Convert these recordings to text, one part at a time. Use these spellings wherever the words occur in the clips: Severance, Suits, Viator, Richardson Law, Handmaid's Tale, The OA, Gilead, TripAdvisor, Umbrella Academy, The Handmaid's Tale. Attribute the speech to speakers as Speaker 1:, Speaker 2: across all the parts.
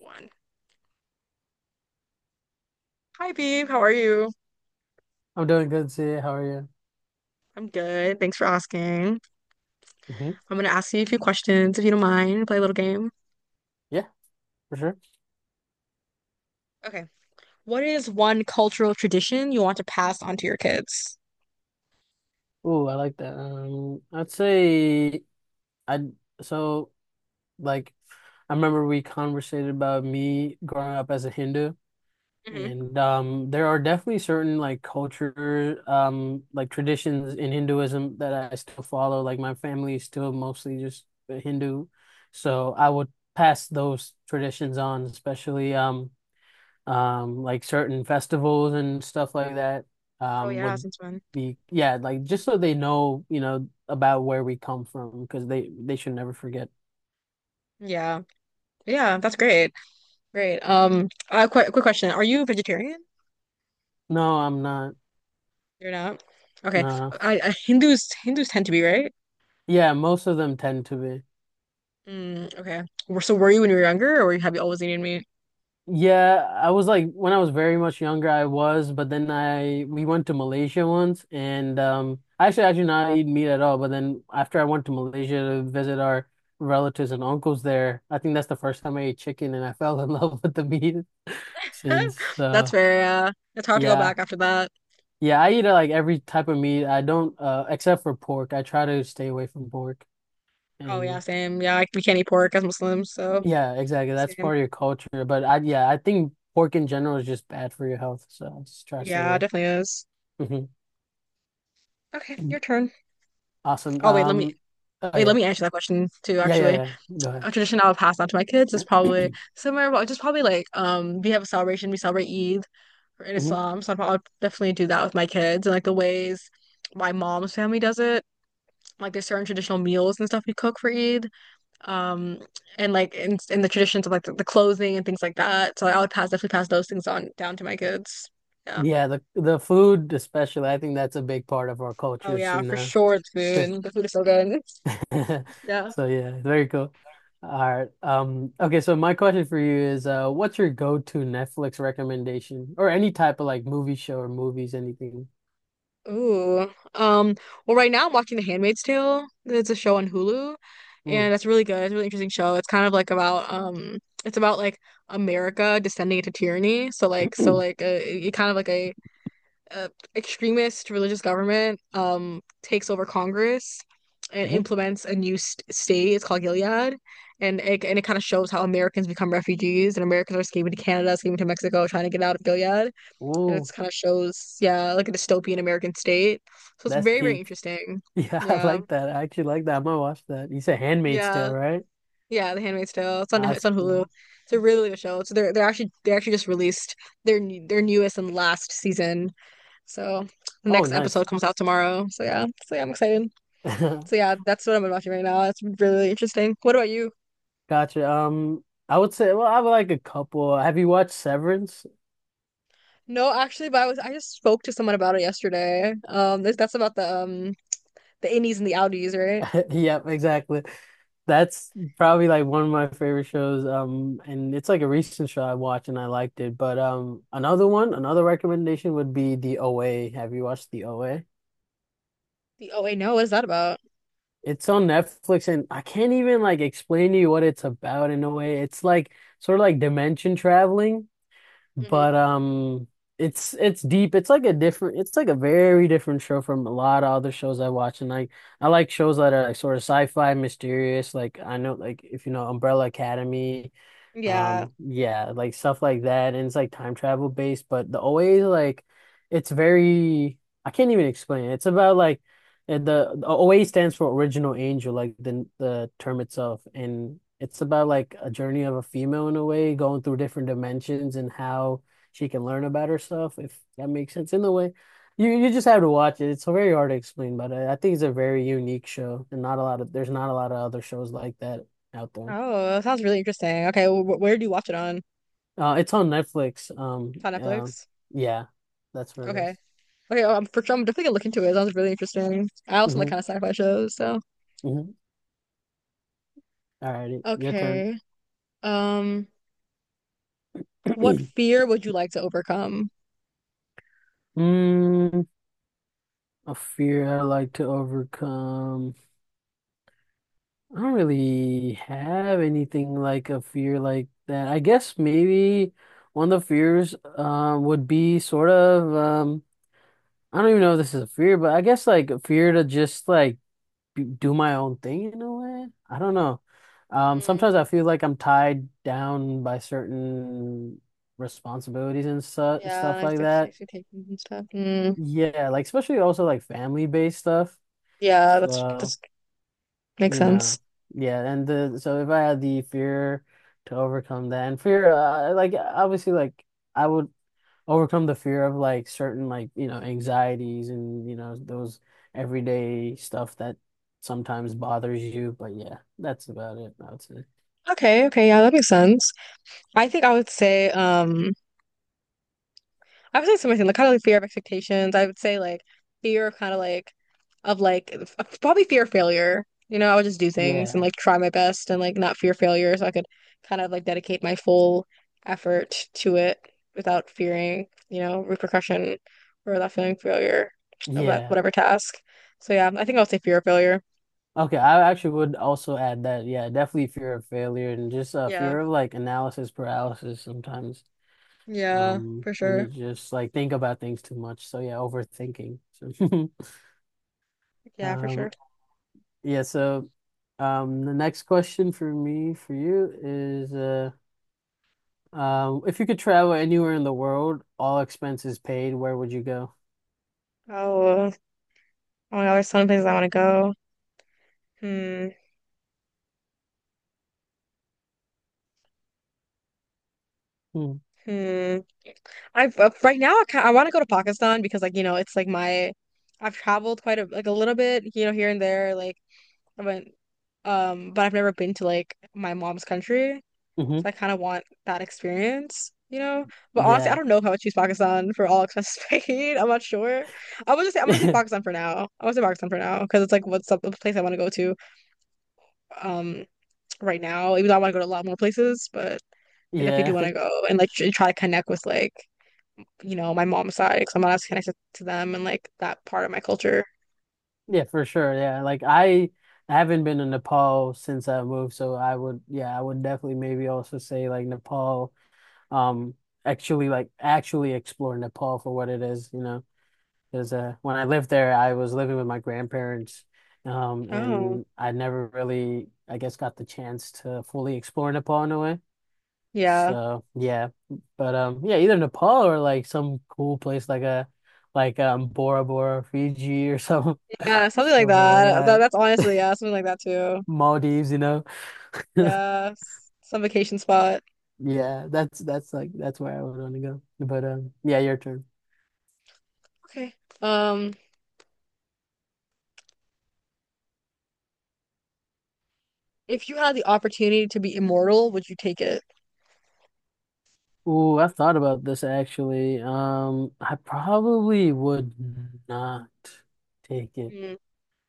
Speaker 1: One. Hi, Beeb. How are you?
Speaker 2: I'm doing good, CA. How are you?
Speaker 1: I'm good. Thanks for asking.
Speaker 2: hmm
Speaker 1: I'm going to ask you a few questions if you don't mind. Play a little game.
Speaker 2: Yeah, for sure.
Speaker 1: Okay. What is one cultural tradition you want to pass on to your kids?
Speaker 2: Ooh, I like that. I'd say I so like I remember we conversated about me growing up as a Hindu,
Speaker 1: hmm
Speaker 2: and there are definitely certain culture, like traditions in Hinduism that I still follow. Like my family is still mostly just Hindu, so I would pass those traditions on, especially, like certain festivals and stuff like that,
Speaker 1: Oh, yeah,
Speaker 2: would
Speaker 1: since when?
Speaker 2: be, yeah, like just so they know, about where we come from, because they should never forget.
Speaker 1: Yeah. Yeah, that's great. Great. Quick question. Are you vegetarian?
Speaker 2: No, I'm not.
Speaker 1: You're not? Okay.
Speaker 2: Nah.
Speaker 1: I Hindus Hindus tend to be, right?
Speaker 2: Yeah, most of them tend to be.
Speaker 1: Mm, okay. So were you when you were younger, or have you always eaten meat?
Speaker 2: Yeah, I was, like when I was very much younger, I was, but then I we went to Malaysia once, and I do not eat meat at all. But then after I went to Malaysia to visit our relatives and uncles there, I think that's the first time I ate chicken, and I fell in love with the meat since.
Speaker 1: That's fair, yeah. It's hard to go
Speaker 2: Yeah,
Speaker 1: back after that.
Speaker 2: yeah, I eat like every type of meat. I don't except for pork. I try to stay away from pork,
Speaker 1: Oh yeah,
Speaker 2: and
Speaker 1: same. Yeah, like, we can't eat pork as Muslims, so
Speaker 2: yeah, exactly. That's
Speaker 1: same.
Speaker 2: part of your culture. But I, yeah, I think pork in general is just bad for your health, so I just try to stay
Speaker 1: Yeah, it
Speaker 2: away.
Speaker 1: definitely is.
Speaker 2: Mm-hmm.
Speaker 1: Okay, your turn.
Speaker 2: Awesome.
Speaker 1: Oh wait, let me
Speaker 2: Oh
Speaker 1: wait, let
Speaker 2: yeah.
Speaker 1: me answer that question too,
Speaker 2: Yeah, yeah,
Speaker 1: actually.
Speaker 2: yeah. Go ahead.
Speaker 1: A tradition I would pass on to my kids is probably similar, but just probably like we have a celebration, we celebrate Eid in
Speaker 2: Mhm.
Speaker 1: Islam, so I'd probably definitely do that with my kids and like the ways my mom's family does it. Like there's certain traditional meals and stuff we cook for Eid. um and like in the traditions of like the clothing and things like that, so I would pass, definitely pass those things on down to my kids, yeah.
Speaker 2: Yeah, the food especially, I think that's a big part of our
Speaker 1: Oh
Speaker 2: cultures,
Speaker 1: yeah,
Speaker 2: you
Speaker 1: for
Speaker 2: know.
Speaker 1: sure. It's food, the food is so good. Yeah.
Speaker 2: So yeah, very cool. All right. Okay, so my question for you is, what's your go-to Netflix recommendation, or any type of like movie show or movies, anything?
Speaker 1: Ooh, um, well, right now I'm watching The Handmaid's Tale. It's a show on Hulu
Speaker 2: Mm.
Speaker 1: and it's really good. It's a really interesting show. It's kind of like about it's about like America descending into tyranny, so it kind of like a uh, extremist religious government takes over Congress and
Speaker 2: Mm-hmm.
Speaker 1: implements a new st state. It's called Gilead, and it, and it kind of shows how Americans become refugees and Americans are escaping to Canada, escaping to Mexico, trying to get out of Gilead, and
Speaker 2: Ooh,
Speaker 1: it's kind of shows, yeah, like a dystopian American state. So it's
Speaker 2: that's
Speaker 1: very, very
Speaker 2: deep.
Speaker 1: interesting.
Speaker 2: Yeah, I
Speaker 1: Yeah,
Speaker 2: like that. I actually like that. I'm gonna watch that. You said Handmaid's Tale,
Speaker 1: yeah,
Speaker 2: right?
Speaker 1: yeah. The Handmaid's Tale. It's on Hulu.
Speaker 2: Awesome.
Speaker 1: It's a really good show. So they're actually they actually just released their their newest and last season. So the
Speaker 2: Oh,
Speaker 1: next
Speaker 2: nice.
Speaker 1: episode comes out tomorrow. So yeah, so yeah, I'm excited. So yeah, that's what I'm watching right now. It's really interesting. What about you?
Speaker 2: Gotcha. I would say, well, I would like a couple. Have you watched Severance?
Speaker 1: No, actually, but I was I just spoke to someone about it yesterday. That's about the the innies and the outies, right?
Speaker 2: Yep, exactly. That's probably like one of my favorite shows. And it's like a recent show I watched and I liked it. But another one, another recommendation would be The OA. Have you watched The OA?
Speaker 1: No, what is that about?
Speaker 2: It's on Netflix and I can't even like explain to you what it's about in a way. It's like sort of like dimension traveling.
Speaker 1: hmm
Speaker 2: But it's deep. It's like a different it's like a very different show from a lot of other shows I watch. And like I like shows that are like sort of sci-fi mysterious. Like I know, like if you know Umbrella Academy,
Speaker 1: Yeah.
Speaker 2: yeah, like stuff like that, and it's like time travel based, but the OA, like it's very, I can't even explain it. It's about like the OA stands for original angel, like the term itself, and it's about like a journey of a female in a way, going through different dimensions and how she can learn about herself, if that makes sense in a way. You just have to watch it. It's very hard to explain, but I think it's a very unique show, and not a lot of there's not a lot of other shows like that out there.
Speaker 1: Oh, that sounds really interesting. Okay, wh where do you watch it on?
Speaker 2: It's on Netflix.
Speaker 1: It's on Netflix.
Speaker 2: Yeah, that's where it
Speaker 1: Okay.
Speaker 2: is.
Speaker 1: Okay, oh, I'm for sure, I'm definitely gonna look into it. It sounds really interesting. I also like
Speaker 2: Mm-hmm,
Speaker 1: kind of sci-fi shows, so.
Speaker 2: mm-hmm. All righty, your turn.
Speaker 1: Okay. Um, what fear would you like to overcome?
Speaker 2: Mm, a fear I like to overcome. I don't really have anything like a fear like that. I guess maybe one of the fears would be sort of I don't even know if this is a fear, but I guess like a fear to just like do my own thing in a way. I don't know. Sometimes I feel like I'm tied down by certain responsibilities and su
Speaker 1: Yeah,
Speaker 2: stuff
Speaker 1: like
Speaker 2: like
Speaker 1: the
Speaker 2: that.
Speaker 1: safety taping and stuff. Mm,
Speaker 2: Yeah, like especially also like family-based stuff.
Speaker 1: yeah, that's
Speaker 2: So,
Speaker 1: that's makes
Speaker 2: you know,
Speaker 1: sense.
Speaker 2: yeah, and the so if I had the fear to overcome that like obviously like I would overcome the fear of like certain, like you know, anxieties and you know, those everyday stuff that sometimes bothers you, but yeah, that's about it, I would say.
Speaker 1: Okay, okay, yeah, that makes sense. I think I would say similar thing, like kind of like fear of expectations. I would say like fear of of like probably fear of failure. You know, I would just do things and
Speaker 2: Yeah,
Speaker 1: like try my best and like not fear failure, so I could kind of like dedicate my full effort to it without fearing, you know, repercussion or without feeling failure about
Speaker 2: yeah,
Speaker 1: whatever task. So yeah, I think I would say fear of failure.
Speaker 2: okay, I actually would also add that, yeah, definitely fear of failure and just
Speaker 1: Yeah.
Speaker 2: fear of like analysis paralysis sometimes,
Speaker 1: Yeah, for
Speaker 2: when you
Speaker 1: sure.
Speaker 2: just like think about things too much, so yeah, overthinking so.
Speaker 1: Yeah, for sure.
Speaker 2: um yeah so the next question for me for you is if you could travel anywhere in the world, all expenses paid, where would you go?
Speaker 1: Oh, oh my God, there's so many places I want to go. Hmm, hmm. I've right now I, ki- I want to go to Pakistan because like you know it's like my I've traveled quite a like a little bit, you know, here and there, like I went, um, but I've never been to like my mom's country,
Speaker 2: Mm-hmm.
Speaker 1: so I kind of want that experience, you know. But honestly, I
Speaker 2: Yeah.
Speaker 1: don't know if I would choose Pakistan for all expenses paid, I'm not sure. I would just say I'm gonna say Pakistan for now I would say Pakistan for now because it's like what's up the place I want to go to, um, right now, even though I want to go to a lot more places. But I definitely do
Speaker 2: Yeah.
Speaker 1: want to go and like try to connect with, like, you know, my mom's side, because I'm not as connected to them and like that part of my culture.
Speaker 2: Yeah, for sure. Yeah. Like I haven't been to Nepal since I moved, so I would, yeah, I would definitely maybe also say like Nepal, um, actually explore Nepal for what it is, you know. Because when I lived there, I was living with my grandparents,
Speaker 1: Oh,
Speaker 2: and I never really, I guess, got the chance to fully explore Nepal in a way.
Speaker 1: yeah.
Speaker 2: So yeah, but yeah, either Nepal or like some cool place, like Bora Bora, Fiji or some
Speaker 1: Yeah, something like
Speaker 2: somewhere like
Speaker 1: that. That
Speaker 2: that,
Speaker 1: that's honestly, yeah, something like that too.
Speaker 2: Maldives, you know.
Speaker 1: Yeah, some vacation spot.
Speaker 2: Yeah, that's like that's where I would want to go. But yeah, your turn.
Speaker 1: Okay. Um, if you had the opportunity to be immortal, would you take it?
Speaker 2: Ooh, I've thought about this actually. I probably would not take it,
Speaker 1: Mm,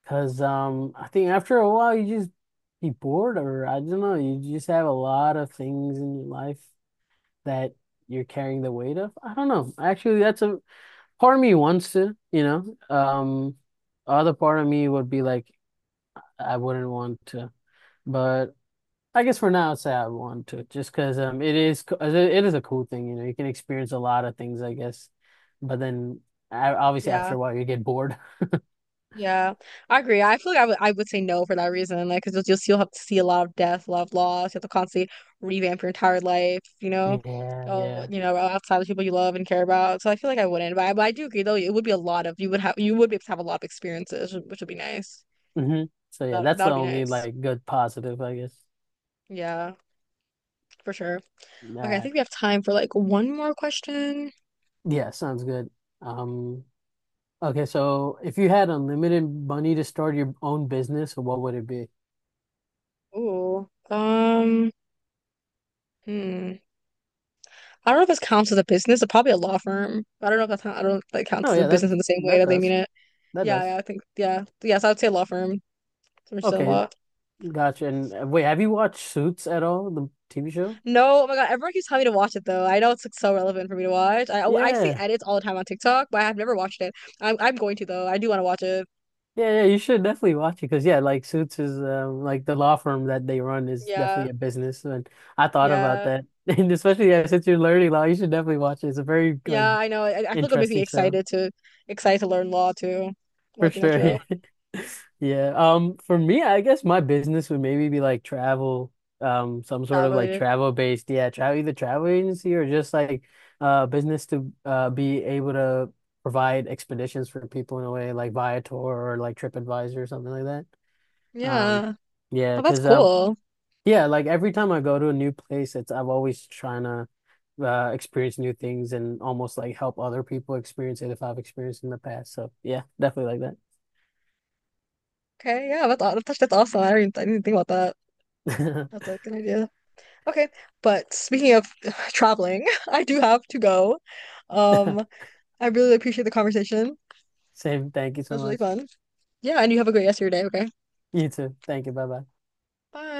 Speaker 2: because I think after a while you just be bored, or I don't know, you just have a lot of things in your life that you're carrying the weight of. I don't know. Actually, that's a, part of me wants to, you know. Other part of me would be like, I wouldn't want to, but I guess for now, I'd say I want to, just because it it is a cool thing, you know. You can experience a lot of things, I guess, but then obviously after
Speaker 1: yeah.
Speaker 2: a while you get bored.
Speaker 1: Yeah, I agree. I feel like I would say no for that reason. Like, because you'll have to see a lot of death, a lot of loss. You have to constantly revamp your entire life, you know,
Speaker 2: Yeah,
Speaker 1: oh,
Speaker 2: yeah.
Speaker 1: you know, outside of the people you love and care about. So I feel like I wouldn't. But but I do agree though. It would be a lot of, you would have, you would be able to have a lot of experiences, which would be nice.
Speaker 2: hmm So yeah,
Speaker 1: That
Speaker 2: that's
Speaker 1: that
Speaker 2: the
Speaker 1: would be
Speaker 2: only
Speaker 1: nice.
Speaker 2: like good positive, I guess.
Speaker 1: Yeah, for sure. Okay, I
Speaker 2: That
Speaker 1: think we have time for like one more question.
Speaker 2: Yeah, sounds good. Um, Okay, so if you had unlimited money to start your own business, what would it be?
Speaker 1: Ooh. Hmm. I don't know if this counts as a business. It's probably a law firm. But I don't know if that's how, I don't know if that
Speaker 2: Oh
Speaker 1: counts as a
Speaker 2: yeah, that
Speaker 1: business in the same way
Speaker 2: that
Speaker 1: that they mean
Speaker 2: does.
Speaker 1: it.
Speaker 2: That
Speaker 1: Yeah,
Speaker 2: does.
Speaker 1: yeah, I think yeah. Yes, I would say law firm. Richardson
Speaker 2: Okay,
Speaker 1: Law.
Speaker 2: gotcha. And wait, have you watched Suits at all, the TV show?
Speaker 1: No, oh my God, everyone keeps telling me to watch it though. I know it's like so relevant for me to watch. I, oh, I see
Speaker 2: Yeah.
Speaker 1: edits all the time on TikTok, but I have never watched it. I'm going to though. I do want to watch it.
Speaker 2: Yeah, yeah, you should definitely watch it, because yeah, like Suits is like the law firm that they run is
Speaker 1: Yeah,
Speaker 2: definitely a business, and I thought about
Speaker 1: yeah,
Speaker 2: that. And especially yeah, since you're learning law, you should definitely watch it. It's a very like
Speaker 1: yeah. I know. I feel like it would make me
Speaker 2: interesting show.
Speaker 1: excited to learn law too.
Speaker 2: For
Speaker 1: Watching that
Speaker 2: sure.
Speaker 1: show.
Speaker 2: Yeah. Yeah. For
Speaker 1: Yeah.
Speaker 2: me, I guess my business would maybe be like travel, some sort
Speaker 1: Child
Speaker 2: of like
Speaker 1: related.
Speaker 2: travel based, yeah, travel, either travel agency or just like business to be able to provide expeditions for people in a way, like Viator or like TripAdvisor or something like that. Um,
Speaker 1: Yeah.
Speaker 2: yeah,
Speaker 1: Oh, that's
Speaker 2: 'cause
Speaker 1: cool.
Speaker 2: yeah, like every time I go to a new place, it's I'm always trying to experience new things and almost like help other people experience it if I've experienced in the past. So yeah, definitely like that.
Speaker 1: Okay. Yeah, that's that's awesome. I didn't think about that. That's like an idea. Okay, but speaking of traveling, I do have to go. Um, I really appreciate the conversation.
Speaker 2: Same. Thank you
Speaker 1: It
Speaker 2: so
Speaker 1: was really
Speaker 2: much.
Speaker 1: fun. Yeah, and you have a great rest of your day, okay?
Speaker 2: You too. Thank you. Bye bye.
Speaker 1: Bye.